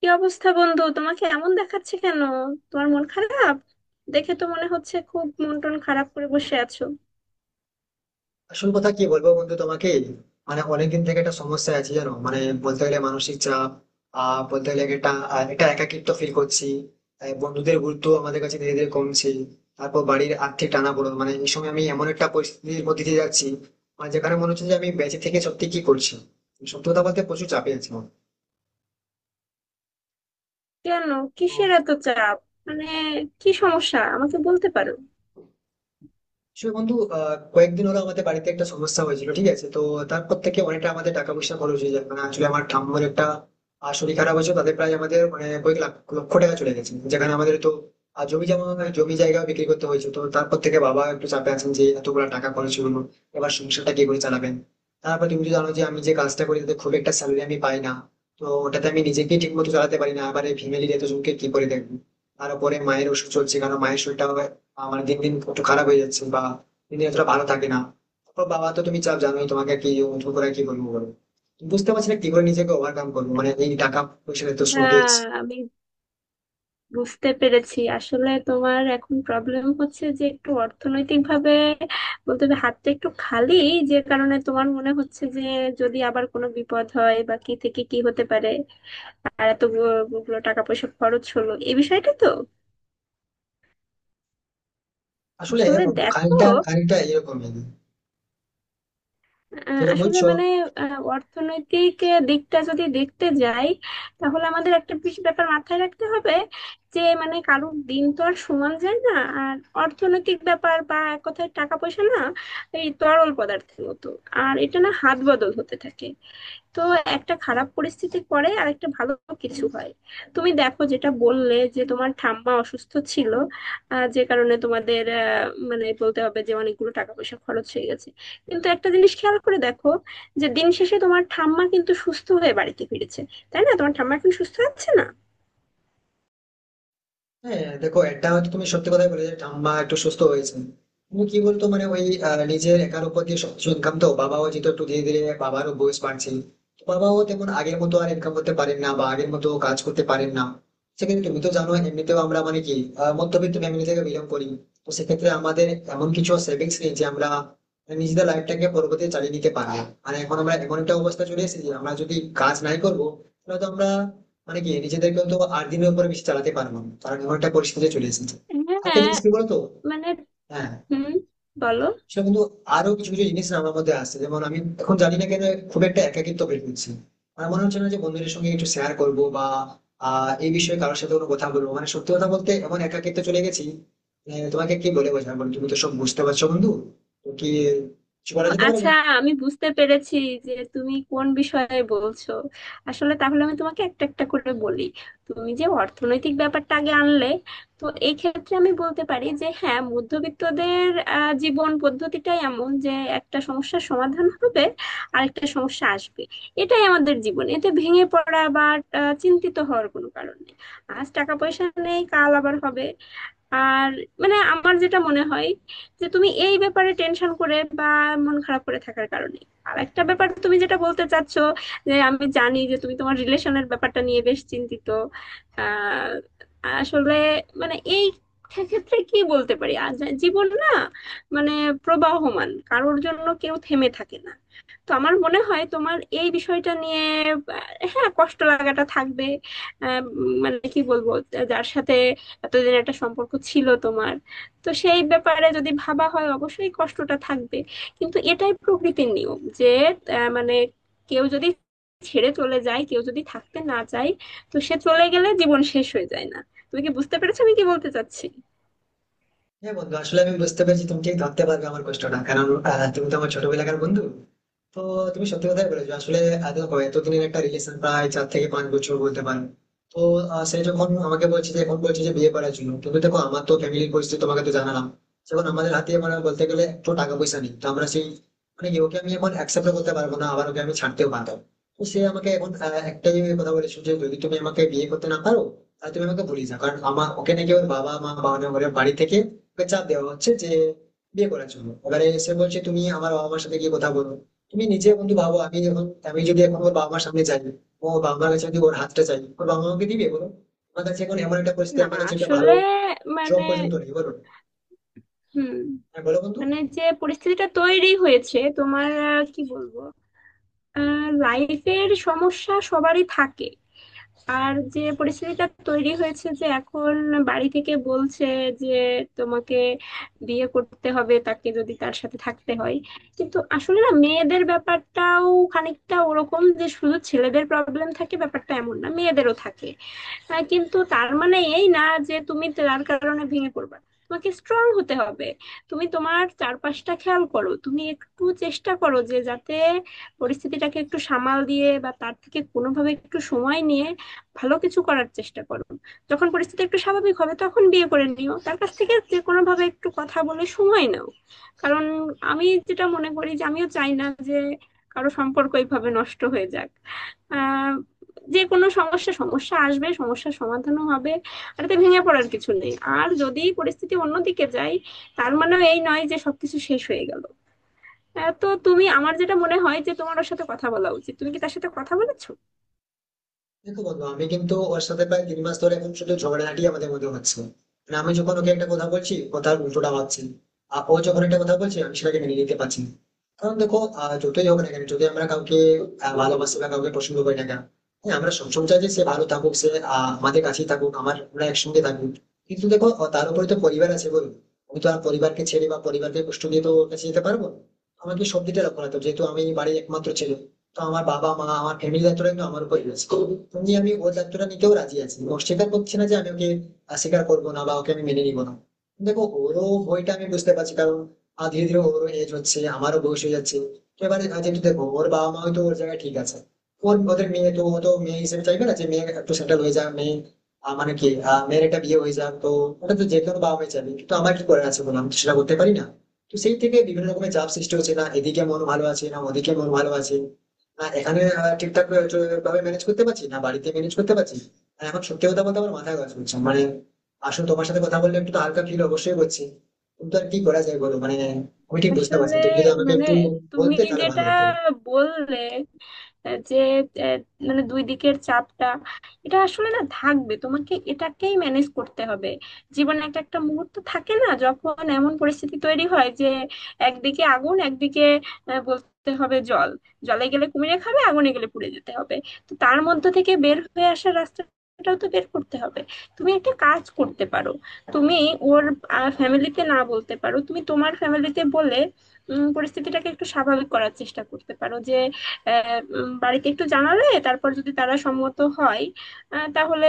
কি অবস্থা বন্ধু? তোমাকে এমন দেখাচ্ছে কেন? তোমার মন খারাপ? দেখে তো মনে হচ্ছে খুব মন টন খারাপ করে বসে আছো। আসল কথা কি বলবো বন্ধু তোমাকে? মানে অনেকদিন থেকে একটা সমস্যা আছে, জানো। মানে বলতে গেলে মানসিক চাপ। বলতে গেলে একটা একাকিত্ব ফিল করছি। বন্ধুদের গুরুত্ব আমাদের কাছে ধীরে ধীরে কমছে। তারপর বাড়ির আর্থিক টানাপোড়েন, মানে এই সময় আমি এমন একটা পরিস্থিতির মধ্যে দিয়ে যাচ্ছি, মানে যেখানে মনে হচ্ছে যে আমি বেঁচে থেকে সত্যি কি করছি। সত্যি কথা বলতে প্রচুর চাপে আছি আমি। কেন? তো কিসের এত চাপ? মানে কি সমস্যা আমাকে বলতে পারো? আসলে বন্ধু, কয়েকদিন হলো আমাদের বাড়িতে একটা সমস্যা হয়েছিল, ঠিক আছে? তো তারপর থেকে অনেকটা আমাদের টাকা পয়সা খরচ হয়ে যায়। মানে আসলে আমার ঠাম্মার একটা শরীর খারাপ হয়েছে, তাদের প্রায় আমাদের মানে কয়েক লাখ লক্ষ টাকা চলে গেছে। যেখানে আমাদের তো আহ, জমি জমা জমি জায়গা বিক্রি করতে হয়েছে। তো তারপর থেকে বাবা একটু চাপে আছেন যে এতগুলো টাকা খরচ হলো, এবার সংসারটা কি করে চালাবেন। তারপর তুমি তো জানো যে আমি যে কাজটা করি তাতে খুব একটা স্যালারি আমি পাই না। তো ওটাতে আমি নিজেকে ঠিক মতো চালাতে পারি না, আবার এই ফ্যামিলির এতজনকে কি করে দেখবো। তারপরে মায়ের ওষুধ চলছে কারণ মায়ের শরীরটা আমার দিন দিন একটু খারাপ হয়ে যাচ্ছে, বা দিন দিন এতটা ভালো থাকে না। তারপর বাবা তো, তুমি চাপ জানোই, তোমাকে কি নতুন করে কি বলবো বলো। বুঝতে পারছি না কি করে নিজেকে ওভারকাম করবো, মানে এই টাকা পয়সার এত শর্টেজ। হ্যাঁ, আমি বুঝতে পেরেছি। আসলে তোমার এখন প্রবলেম হচ্ছে যে একটু অর্থনৈতিক ভাবে বলতে হবে, হাতটা একটু খালি। যে কারণে তোমার মনে হচ্ছে যে যদি আবার কোনো বিপদ হয় বা কি থেকে কি হতে পারে, আর এতগুলো টাকা পয়সা খরচ হলো, এই বিষয়টা তো। আসলে হ্যাঁ আসলে বন্ধু, দেখো, খানিকটা খানিকটা এরকমই যেটা আসলে বলছো। মানে অর্থনৈতিক দিকটা যদি দেখতে যাই, তাহলে আমাদের একটা বিশেষ ব্যাপার মাথায় রাখতে হবে যে মানে কারোর দিন তো আর সমান যায় না। আর অর্থনৈতিক ব্যাপার বা এক কথায় টাকা পয়সা না এই তরল পদার্থের মতো, আর এটা না হাত বদল হতে থাকে। তো একটা খারাপ পরিস্থিতির পরে আর একটা ভালো কিছু হয়। তুমি দেখো যেটা বললে যে তোমার ঠাম্মা অসুস্থ ছিল, যে কারণে তোমাদের মানে বলতে হবে যে অনেকগুলো টাকা পয়সা খরচ হয়ে গেছে। কিন্তু একটা জিনিস খেয়াল করে দেখো যে দিন শেষে তোমার ঠাম্মা কিন্তু সুস্থ হয়ে বাড়িতে ফিরেছে, তাই না? তোমার ঠাম্মা এখন সুস্থ আছে না? হ্যাঁ দেখো, এটা হয়তো তুমি সত্যি কথাই বলে যে ঠাম্মা একটু সুস্থ হয়েছে, কিন্তু কি বলতো, মানে ওই নিজের একার উপর দিয়ে সবকিছু ইনকাম, তো বাবাও যেহেতু একটু ধীরে ধীরে, বাবারও বয়স বাড়ছে। তো বাবাও তেমন আগের মতো আর ইনকাম করতে পারেন না বা আগের মতো কাজ করতে পারেন না। সেক্ষেত্রে তুমি তো জানো, এমনিতেও আমরা মানে কি, মধ্যবিত্ত ফ্যামিলি থেকে বিলং করি। তো সেক্ষেত্রে আমাদের এমন কিছু সেভিংস নেই যে আমরা নিজেদের লাইফটাকে পরবর্তীতে চালিয়ে নিতে পারবো। আর এখন আমরা এমন একটা অবস্থা চলে এসেছি যে আমরা যদি কাজ নাই করবো, তাহলে তো আমরা মানে কি, নিজেদেরকে তো আর দিনের উপরে বেশি চালাতে পারবো না, কারণ এমন একটা পরিস্থিতি চলে এসেছে। আরেকটা হ্যাঁ। জিনিস কি বলতো, মানে। হ্যাঁ, হুম। বলো। সে কিন্তু আরো কিছু কিছু জিনিস না আমার মধ্যে আসছে। যেমন আমি এখন জানি না কেন খুব একটা একাকিত্ব ফিল করছি। আমার মনে হচ্ছে না যে বন্ধুদের সঙ্গে একটু শেয়ার করবো বা এই বিষয়ে কারোর সাথে কোনো কথা বলবো। মানে সত্যি কথা বলতে এমন একাকিত্ব চলে গেছি, মানে তোমাকে কি বলে বোঝাবো, তুমি তো সব বুঝতে পারছো বন্ধু। তো কি কিছু ও, বলা যেতে পারে? আচ্ছা। আমি বুঝতে পেরেছি যে তুমি কোন বিষয়ে বলছো। আসলে তাহলে আমি তোমাকে একটা একটা করে বলি। তুমি যে অর্থনৈতিক ব্যাপারটা আগে আনলে, তো এই ক্ষেত্রে আমি বলতে পারি যে হ্যাঁ মধ্যবিত্তদের জীবন পদ্ধতিটাই এমন যে একটা সমস্যার সমাধান হবে, আরেকটা সমস্যা আসবে। এটাই আমাদের জীবন, এতে ভেঙে পড়া বা চিন্তিত হওয়ার কোনো কারণ নেই। আজ টাকা পয়সা নেই, কাল আবার হবে। আর মানে আমার যেটা মনে হয় যে তুমি এই ব্যাপারে টেনশন করে বা মন খারাপ করে থাকার কারণে। আর একটা ব্যাপার, তুমি যেটা বলতে চাচ্ছ যে আমি জানি যে তুমি তোমার রিলেশনের ব্যাপারটা নিয়ে বেশ চিন্তিত। আহ আসলে মানে এই ক্ষেত্রে কি বলতে পারি, আর জীবন না মানে প্রবাহমান, কারোর জন্য কেউ থেমে থাকে না। তো আমার মনে হয় তোমার এই বিষয়টা নিয়ে, আহ, হ্যাঁ কষ্ট লাগাটা থাকবে। মানে কি বলবো, যার সাথে এতদিন একটা সম্পর্ক ছিল তোমার, তো সেই ব্যাপারে যদি ভাবা হয় অবশ্যই কষ্টটা থাকবে। কিন্তু এটাই প্রকৃতির নিয়ম যে মানে কেউ যদি ছেড়ে চলে যায় কেউ যদি থাকতে না চায়, তো সে চলে গেলে জীবন শেষ হয়ে যায় না। তুমি কি বুঝতে পেরেছো আমি কি বলতে চাচ্ছি? হ্যাঁ বন্ধু, আসলে আমি বুঝতে পেরেছি তুমি ঠিক ধরতে পারবে আমার কষ্টটা, কারণ তুমি তো আমার ছোটবেলাকার বন্ধু। তো তুমি সত্যি কথাই বলেছো আসলে। দেখো, এতদিনের একটা রিলেশন, প্রায় চার থেকে পাঁচ বছর বলতে পারো। তো সে যখন আমাকে বলছে, যে এখন বলছে যে বিয়ে করার জন্য, কিন্তু দেখো আমার তো ফ্যামিলির পরিস্থিতি তোমাকে তো জানালাম। যখন আমাদের হাতে মানে বলতে গেলে একটু টাকা পয়সা নেই, তো আমরা সেই মানে কি, ওকে আমি এখন অ্যাকসেপ্ট করতে পারবো না, আবার ওকে আমি ছাড়তেও পারবো না। তো সে আমাকে এখন একটাই কথা বলেছো যে যদি তুমি আমাকে বিয়ে করতে না পারো, তাহলে তুমি আমাকে ভুলে যাও। কারণ আমার ওকে নাকি ওর বাবা মা বা ওর বাড়ি থেকে ওকে চাপ দেওয়া হচ্ছে যে বিয়ে করার জন্য। এবারে সে বলছে তুমি আমার বাবা মার সাথে গিয়ে কথা বলো। তুমি নিজে বন্ধু ভাবো, আমি যদি এখন ওর বাবা মার সামনে যাই, ও বাবা মার কাছে যদি ওর হাতটা চাই, ওর বাবা মাকে দিবে বলো? আমার কাছে এখন এমন একটা পরিস্থিতি, না। আমার কাছে একটা ভালো আসলে। জব মানে। পর্যন্ত নেই বলো না। হুম। হ্যাঁ বলো বন্ধু। মানে। যে পরিস্থিতিটা তৈরি হয়েছে তোমার, কি বলবো, লাইফের সমস্যা সবারই থাকে। আর যে পরিস্থিতিটা তৈরি হয়েছে যে এখন বাড়ি থেকে বলছে যে তোমাকে বিয়ে করতে হবে তাকে, যদি তার সাথে থাকতে হয়। কিন্তু আসলে না, মেয়েদের ব্যাপারটাও খানিকটা ওরকম যে শুধু ছেলেদের প্রবলেম থাকে ব্যাপারটা এমন না, মেয়েদেরও থাকে। কিন্তু তার মানে এই না যে তুমি তার কারণে ভেঙে পড়বে। তোমাকে স্ট্রং হতে হবে। তুমি তোমার চারপাশটা খেয়াল করো, তুমি একটু চেষ্টা করো যে যাতে পরিস্থিতিটাকে একটু সামাল দিয়ে বা তার থেকে কোনোভাবে একটু সময় নিয়ে ভালো কিছু করার চেষ্টা করো। যখন পরিস্থিতি একটু স্বাভাবিক হবে তখন বিয়ে করে নিও, তার কাছ থেকে যে কোনোভাবে একটু কথা বলে সময় নাও। কারণ আমি যেটা মনে করি যে আমিও চাই না যে কারো সম্পর্ক এইভাবে নষ্ট হয়ে যাক। আহ যে কোনো সমস্যা সমস্যা আসবে, সমস্যার সমাধানও হবে। আর এতে ভেঙে পড়ার কিছু নেই। আর যদি পরিস্থিতি অন্যদিকে যায়, তার মানেও এই নয় যে সবকিছু শেষ হয়ে গেল। তো তুমি, আমার যেটা মনে হয় যে তোমার ওর সাথে কথা বলা উচিত। তুমি কি তার সাথে কথা বলেছো? দেখো বন্ধু, আমি কিন্তু ওর সাথে প্রায় তিন মাস ধরে এখন শুধু ঝগড়াঝাটি আমাদের মধ্যে হচ্ছে। মানে আমি যখন ওকে একটা কথা বলছি, কথার উল্টোটা ভাবছি। আর ও যখন একটা কথা বলছে, আমি সেটাকে মেনে নিতে পারছি না। কারণ দেখো, যতই হোক না কেন যদি আমরা কাউকে ভালোবাসি বা কাউকে পছন্দ করি না কেন, হ্যাঁ, আমরা সবসময় চাই যে সে ভালো থাকুক, সে আমাদের কাছেই থাকুক, আমার আমরা একসঙ্গে থাকুক। কিন্তু দেখো, তার উপরে তো পরিবার আছে বলুন। আমি তো আর পরিবারকে ছেড়ে বা পরিবারকে কষ্ট দিয়ে তো ওর কাছে যেতে পারবো না। আমাকে সব দিকটা লক্ষ্য রাখতে হবে। যেহেতু আমি বাড়ির একমাত্র ছেলে, তো আমার বাবা মা, আমার ফ্যামিলি, দায়িত্বটা কিন্তু আমার উপর রয়েছে। তুমি আমি ওর দায়িত্বটা নিতেও রাজি আছি, অস্বীকার করছি না যে আমি ওকে স্বীকার করবো না বা ওকে আমি মেনে নিবো না। দেখো ওরও ভয়টা আমি বুঝতে পারছি, কারণ ধীরে ধীরে ওরও এজ হচ্ছে, আমারও বয়স হয়ে যাচ্ছে। তো এবারে যেহেতু দেখো, ওর বাবা মা হয়তো ওর জায়গায় ঠিক আছে। ওর ওদের মেয়ে, তো ও তো মেয়ে হিসেবে চাইবে না যে মেয়ে একটু সেটেল হয়ে যাক, মেয়ে মানে কি মেয়ের একটা বিয়ে হয়ে যাক। তো ওটা তো যে কোনো বাবা মাই চাইবে, কিন্তু আমার কি করে আছে বলো, আমি তো সেটা করতে পারি না। তো সেই থেকে বিভিন্ন রকমের চাপ সৃষ্টি হচ্ছে, না এদিকে মন ভালো আছে, না ওদিকে মন ভালো আছে। এখানে ঠিকঠাক ভাবে ম্যানেজ করতে পারছি না, বাড়িতে ম্যানেজ করতে পারছি। আর এখন সত্যি কথা বলতে আমার মাথা কাজ করছে, মানে আসলে তোমার সাথে কথা বললে একটু তো হালকা ফিল অবশ্যই করছি, কিন্তু আর কি করা যায় বলো, মানে আমি ঠিক বুঝতে পারছি আসলে না। তুমি যদি আমাকে মানে একটু তুমি বলতে তাহলে ভালো যেটা হতো। বললে যে আহ, মানে দুই দিকের চাপটা, এটা আসলে না থাকবে, তোমাকে এটাকেই ম্যানেজ করতে হবে। জীবনে একটা একটা মুহূর্ত থাকে না যখন এমন পরিস্থিতি তৈরি হয় যে একদিকে আগুন, একদিকে বলতে হবে জল। জলে গেলে কুমিরে খাবে, আগুনে গেলে পুড়ে যেতে হবে। তো তার মধ্য থেকে বের হয়ে আসার রাস্তাটাও তো বের করতে হবে। তুমি একটা কাজ করতে পারো, তুমি ওর ফ্যামিলিতে না বলতে পারো, তুমি তোমার ফ্যামিলিতে বলে পরিস্থিতিটাকে একটু স্বাভাবিক করার চেষ্টা করতে পারো যে বাড়িতে একটু জানালে, তারপর যদি তারা সম্মত হয় তাহলে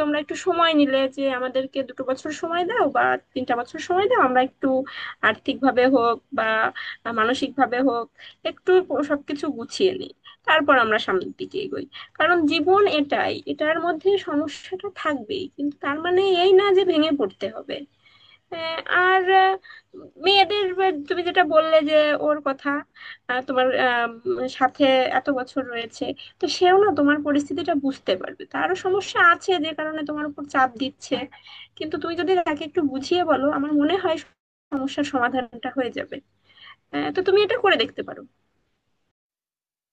তোমরা একটু সময় নিলে, যে আমাদেরকে 2 বছর সময় দাও বা 3 বছর সময় দাও, আমরা একটু আর্থিকভাবে হোক বা মানসিকভাবে হোক একটু সবকিছু গুছিয়ে নিই, তারপর আমরা সামনের দিকে এগোই। কারণ জীবন এটাই, এটার মধ্যে সমস্যাটা থাকবেই, কিন্তু তার মানে এই না যে ভেঙে পড়তে হবে। আর মেয়েদের তুমি যেটা বললে যে ওর কথা, তোমার সাথে এত বছর রয়েছে। তো সেও না তোমার পরিস্থিতিটা বুঝতে পারবে, তারও সমস্যা আছে যে কারণে তোমার উপর চাপ দিচ্ছে। কিন্তু তুমি যদি তাকে একটু বুঝিয়ে বলো, আমার মনে হয় সমস্যার সমাধানটা হয়ে যাবে। তো তুমি এটা করে দেখতে পারো।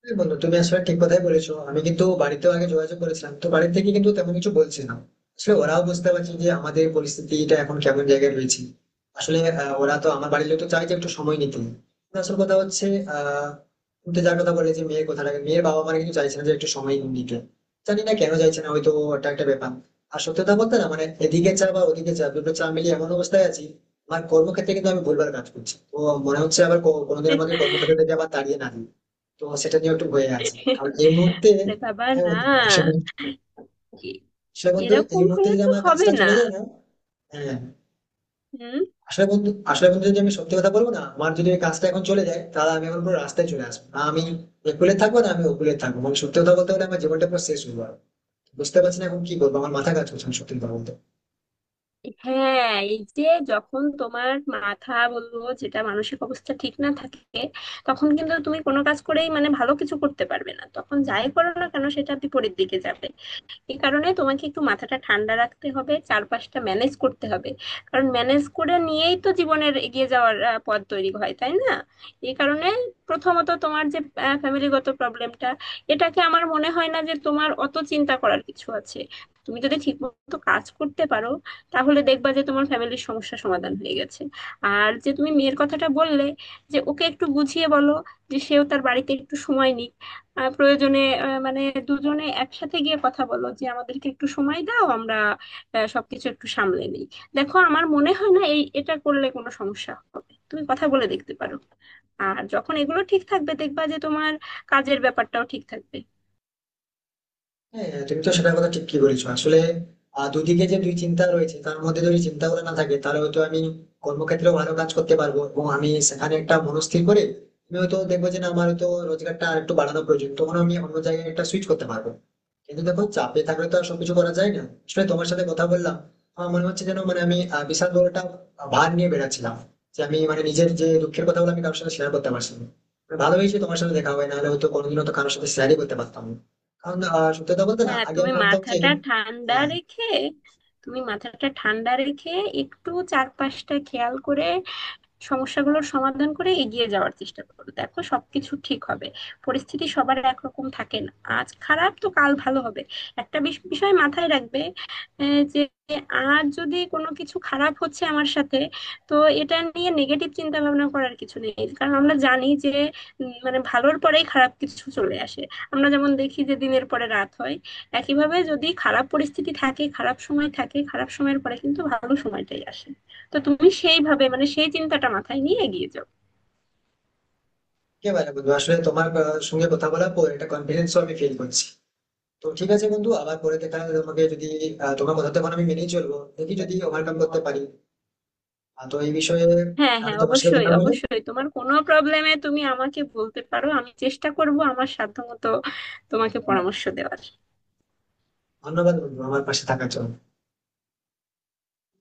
হ্যাঁ বন্ধু, তুমি আসলে ঠিক কথাই বলেছো। আমি কিন্তু বাড়িতেও আগে যোগাযোগ করেছিলাম, তো বাড়ি থেকে কিন্তু তেমন কিছু বলছে না। আসলে ওরাও বুঝতে পারছে যে আমাদের পরিস্থিতিটা এখন কেমন জায়গায় রয়েছে। আসলে ওরা তো আমার বাড়ির লোক, তো চাই যে একটু সময় নিতে। কিন্তু আসল কথা হচ্ছে, আহ তুমি তো যার কথা বলে, যে মেয়ের কথাটা, মেয়ের বাবা মারা কিন্তু চাইছে না যে একটু সময় নিতে। জানি না কেন চাইছে না, হয়তো ওটা একটা ব্যাপার। আর সত্যি কথা বলতে না, মানে এদিকে চা বা ওদিকে চা, দুটো চা মিলিয়ে এমন অবস্থায় আছি। আমার কর্মক্ষেত্রে কিন্তু আমি ভুলভাল কাজ করছি, তো মনে হচ্ছে আবার কোনোদিন আমাকে কর্মক্ষেত্র থেকে আবার তাড়িয়ে না দিই। তো সেটা নিয়ে একটু ভয়ে আছি, কারণ এই মুহূর্তে আরে বাবা হ্যাঁ না। বন্ধু আসলে, কি? আসলে বন্ধু এই এরকম মুহূর্তে হলে যদি তো আমার হবে কাজটা না। চলে যায় না, হ্যাঁ। হুম। আসলে বন্ধু যদি আমি সত্যি কথা বলবো না, আমার যদি ওই কাজটা এখন চলে যায়, তাহলে আমি এখন পুরো রাস্তায় চলে আসবো, না আমি একুলে থাকবো না আমি ওকুলে থাকবো, মানে সত্যি কথা বলতে গেলে আমার জীবনটা পুরো শেষ হয়ে যাবে। বুঝতে পারছি না এখন কি করবো, আমার মাথা কাজ করছে না সত্যি কথা বলতে। হ্যাঁ, এই যে যখন তোমার মাথা, বলবো যেটা মানসিক অবস্থা ঠিক না থাকে, তখন কিন্তু তুমি কোনো কাজ করেই মানে ভালো কিছু করতে পারবে না, তখন যাই করো না কেন সেটা বিপরীত দিকে যাবে। এই কারণে তোমাকে একটু মাথাটা ঠান্ডা রাখতে হবে, চারপাশটা ম্যানেজ করতে হবে। কারণ ম্যানেজ করে নিয়েই তো জীবনের এগিয়ে যাওয়ার পথ তৈরি হয়, তাই না? এই কারণে প্রথমত তোমার যে ফ্যামিলিগত প্রবলেমটা, এটাকে আমার মনে হয় না যে তোমার অত চিন্তা করার কিছু আছে। তুমি যদি ঠিকমতো কাজ করতে পারো, তাহলে দেখবা যে তোমার ফ্যামিলির সমস্যা সমাধান হয়ে গেছে। আর যে তুমি মেয়ের কথাটা বললে যে ওকে একটু বুঝিয়ে বলো যে সেও তার বাড়িতে একটু সময় নিক, প্রয়োজনে মানে দুজনে একসাথে গিয়ে কথা বলো যে আমাদেরকে একটু সময় দাও, আমরা সবকিছু একটু সামলে নিই। দেখো আমার মনে হয় না এটা করলে কোনো সমস্যা হবে, তুমি কথা বলে দেখতে পারো। আর যখন এগুলো ঠিক থাকবে, দেখবা যে তোমার কাজের ব্যাপারটাও ঠিক থাকবে। হ্যাঁ, হ্যাঁ, তুমি তো সেটার কথা ঠিকই বলেছো আসলে। দুদিকে যে দুই চিন্তা রয়েছে, তার মধ্যে যদি চিন্তাগুলো না থাকে, তাহলে হয়তো আমি কর্মক্ষেত্রেও ভালো কাজ করতে পারবো, এবং আমি সেখানে একটা মনস্থির করে আমি হয়তো দেখবো যে না, আমার হয়তো রোজগারটা আর একটু বাড়ানো প্রয়োজন, তখন আমি অন্য জায়গায় একটা সুইচ করতে পারবো। কিন্তু দেখো, চাপে থাকলে তো আর সবকিছু করা যায় না। আসলে তোমার সাথে কথা বললাম, আমার মনে হচ্ছে যেন মানে আমি বিশাল বড় একটা ভার নিয়ে বেড়াচ্ছিলাম, যে আমি মানে নিজের যে দুঃখের কথাগুলো আমি কারোর সাথে শেয়ার করতে পারছি না। ভালো হয়েছে তোমার সাথে দেখা হয়, নাহলে হয়তো কোনোদিনও তো কারোর সাথে শেয়ারই করতে পারতাম না। কারণ সত্যি কথা বলতে না, হ্যাঁ, আগে আমি তুমি ভাবতাম যে মাথাটা ঠান্ডা হ্যাঁ, রেখে তুমি মাথাটা ঠান্ডা রেখে একটু চারপাশটা খেয়াল করে, সমস্যাগুলোর সমাধান করে এগিয়ে যাওয়ার চেষ্টা করো, দেখো সবকিছু ঠিক হবে। পরিস্থিতি সবার একরকম থাকে না, আজ খারাপ তো কাল ভালো হবে। একটা বিষয় মাথায় রাখবে, যে আজ যদি কোনো কিছু খারাপ হচ্ছে আমার সাথে, তো এটা নিয়ে নেগেটিভ চিন্তা ভাবনা করার কিছু নেই, কারণ আমরা জানি যে মানে ভালোর পরেই খারাপ কিছু চলে আসে। আমরা যেমন দেখি যে দিনের পরে রাত হয়, একইভাবে যদি খারাপ পরিস্থিতি থাকে, খারাপ সময় থাকে, খারাপ সময়ের পরে কিন্তু ভালো সময়টাই আসে। তো তুমি সেইভাবে মানে সেই চিন্তাটা মাথায় নিয়ে এগিয়ে যাও। একেবারে বন্ধু। আসলে তোমার সঙ্গে কথা বলার পর একটা কনফিডেন্স আমি ফিল করছি। তো ঠিক আছে বন্ধু, আবার পরে দেখা হবে। তোমাকে যদি তোমার কথা তখন আমি মেনেই চলবো, দেখি যদি ওভারকাম করতে পারি তো এই বিষয়ে। হ্যাঁ, আমি হ্যাঁ, তোমার সাথে অবশ্যই, কথা বলে অবশ্যই। তোমার কোনো প্রবলেমে তুমি আমাকে বলতে পারো, আমি চেষ্টা করব আমার সাধ্যমতো তোমাকে আহ, পরামর্শ দেওয়ার। ধন্যবাদ বন্ধু আমার পাশে থাকার জন্য।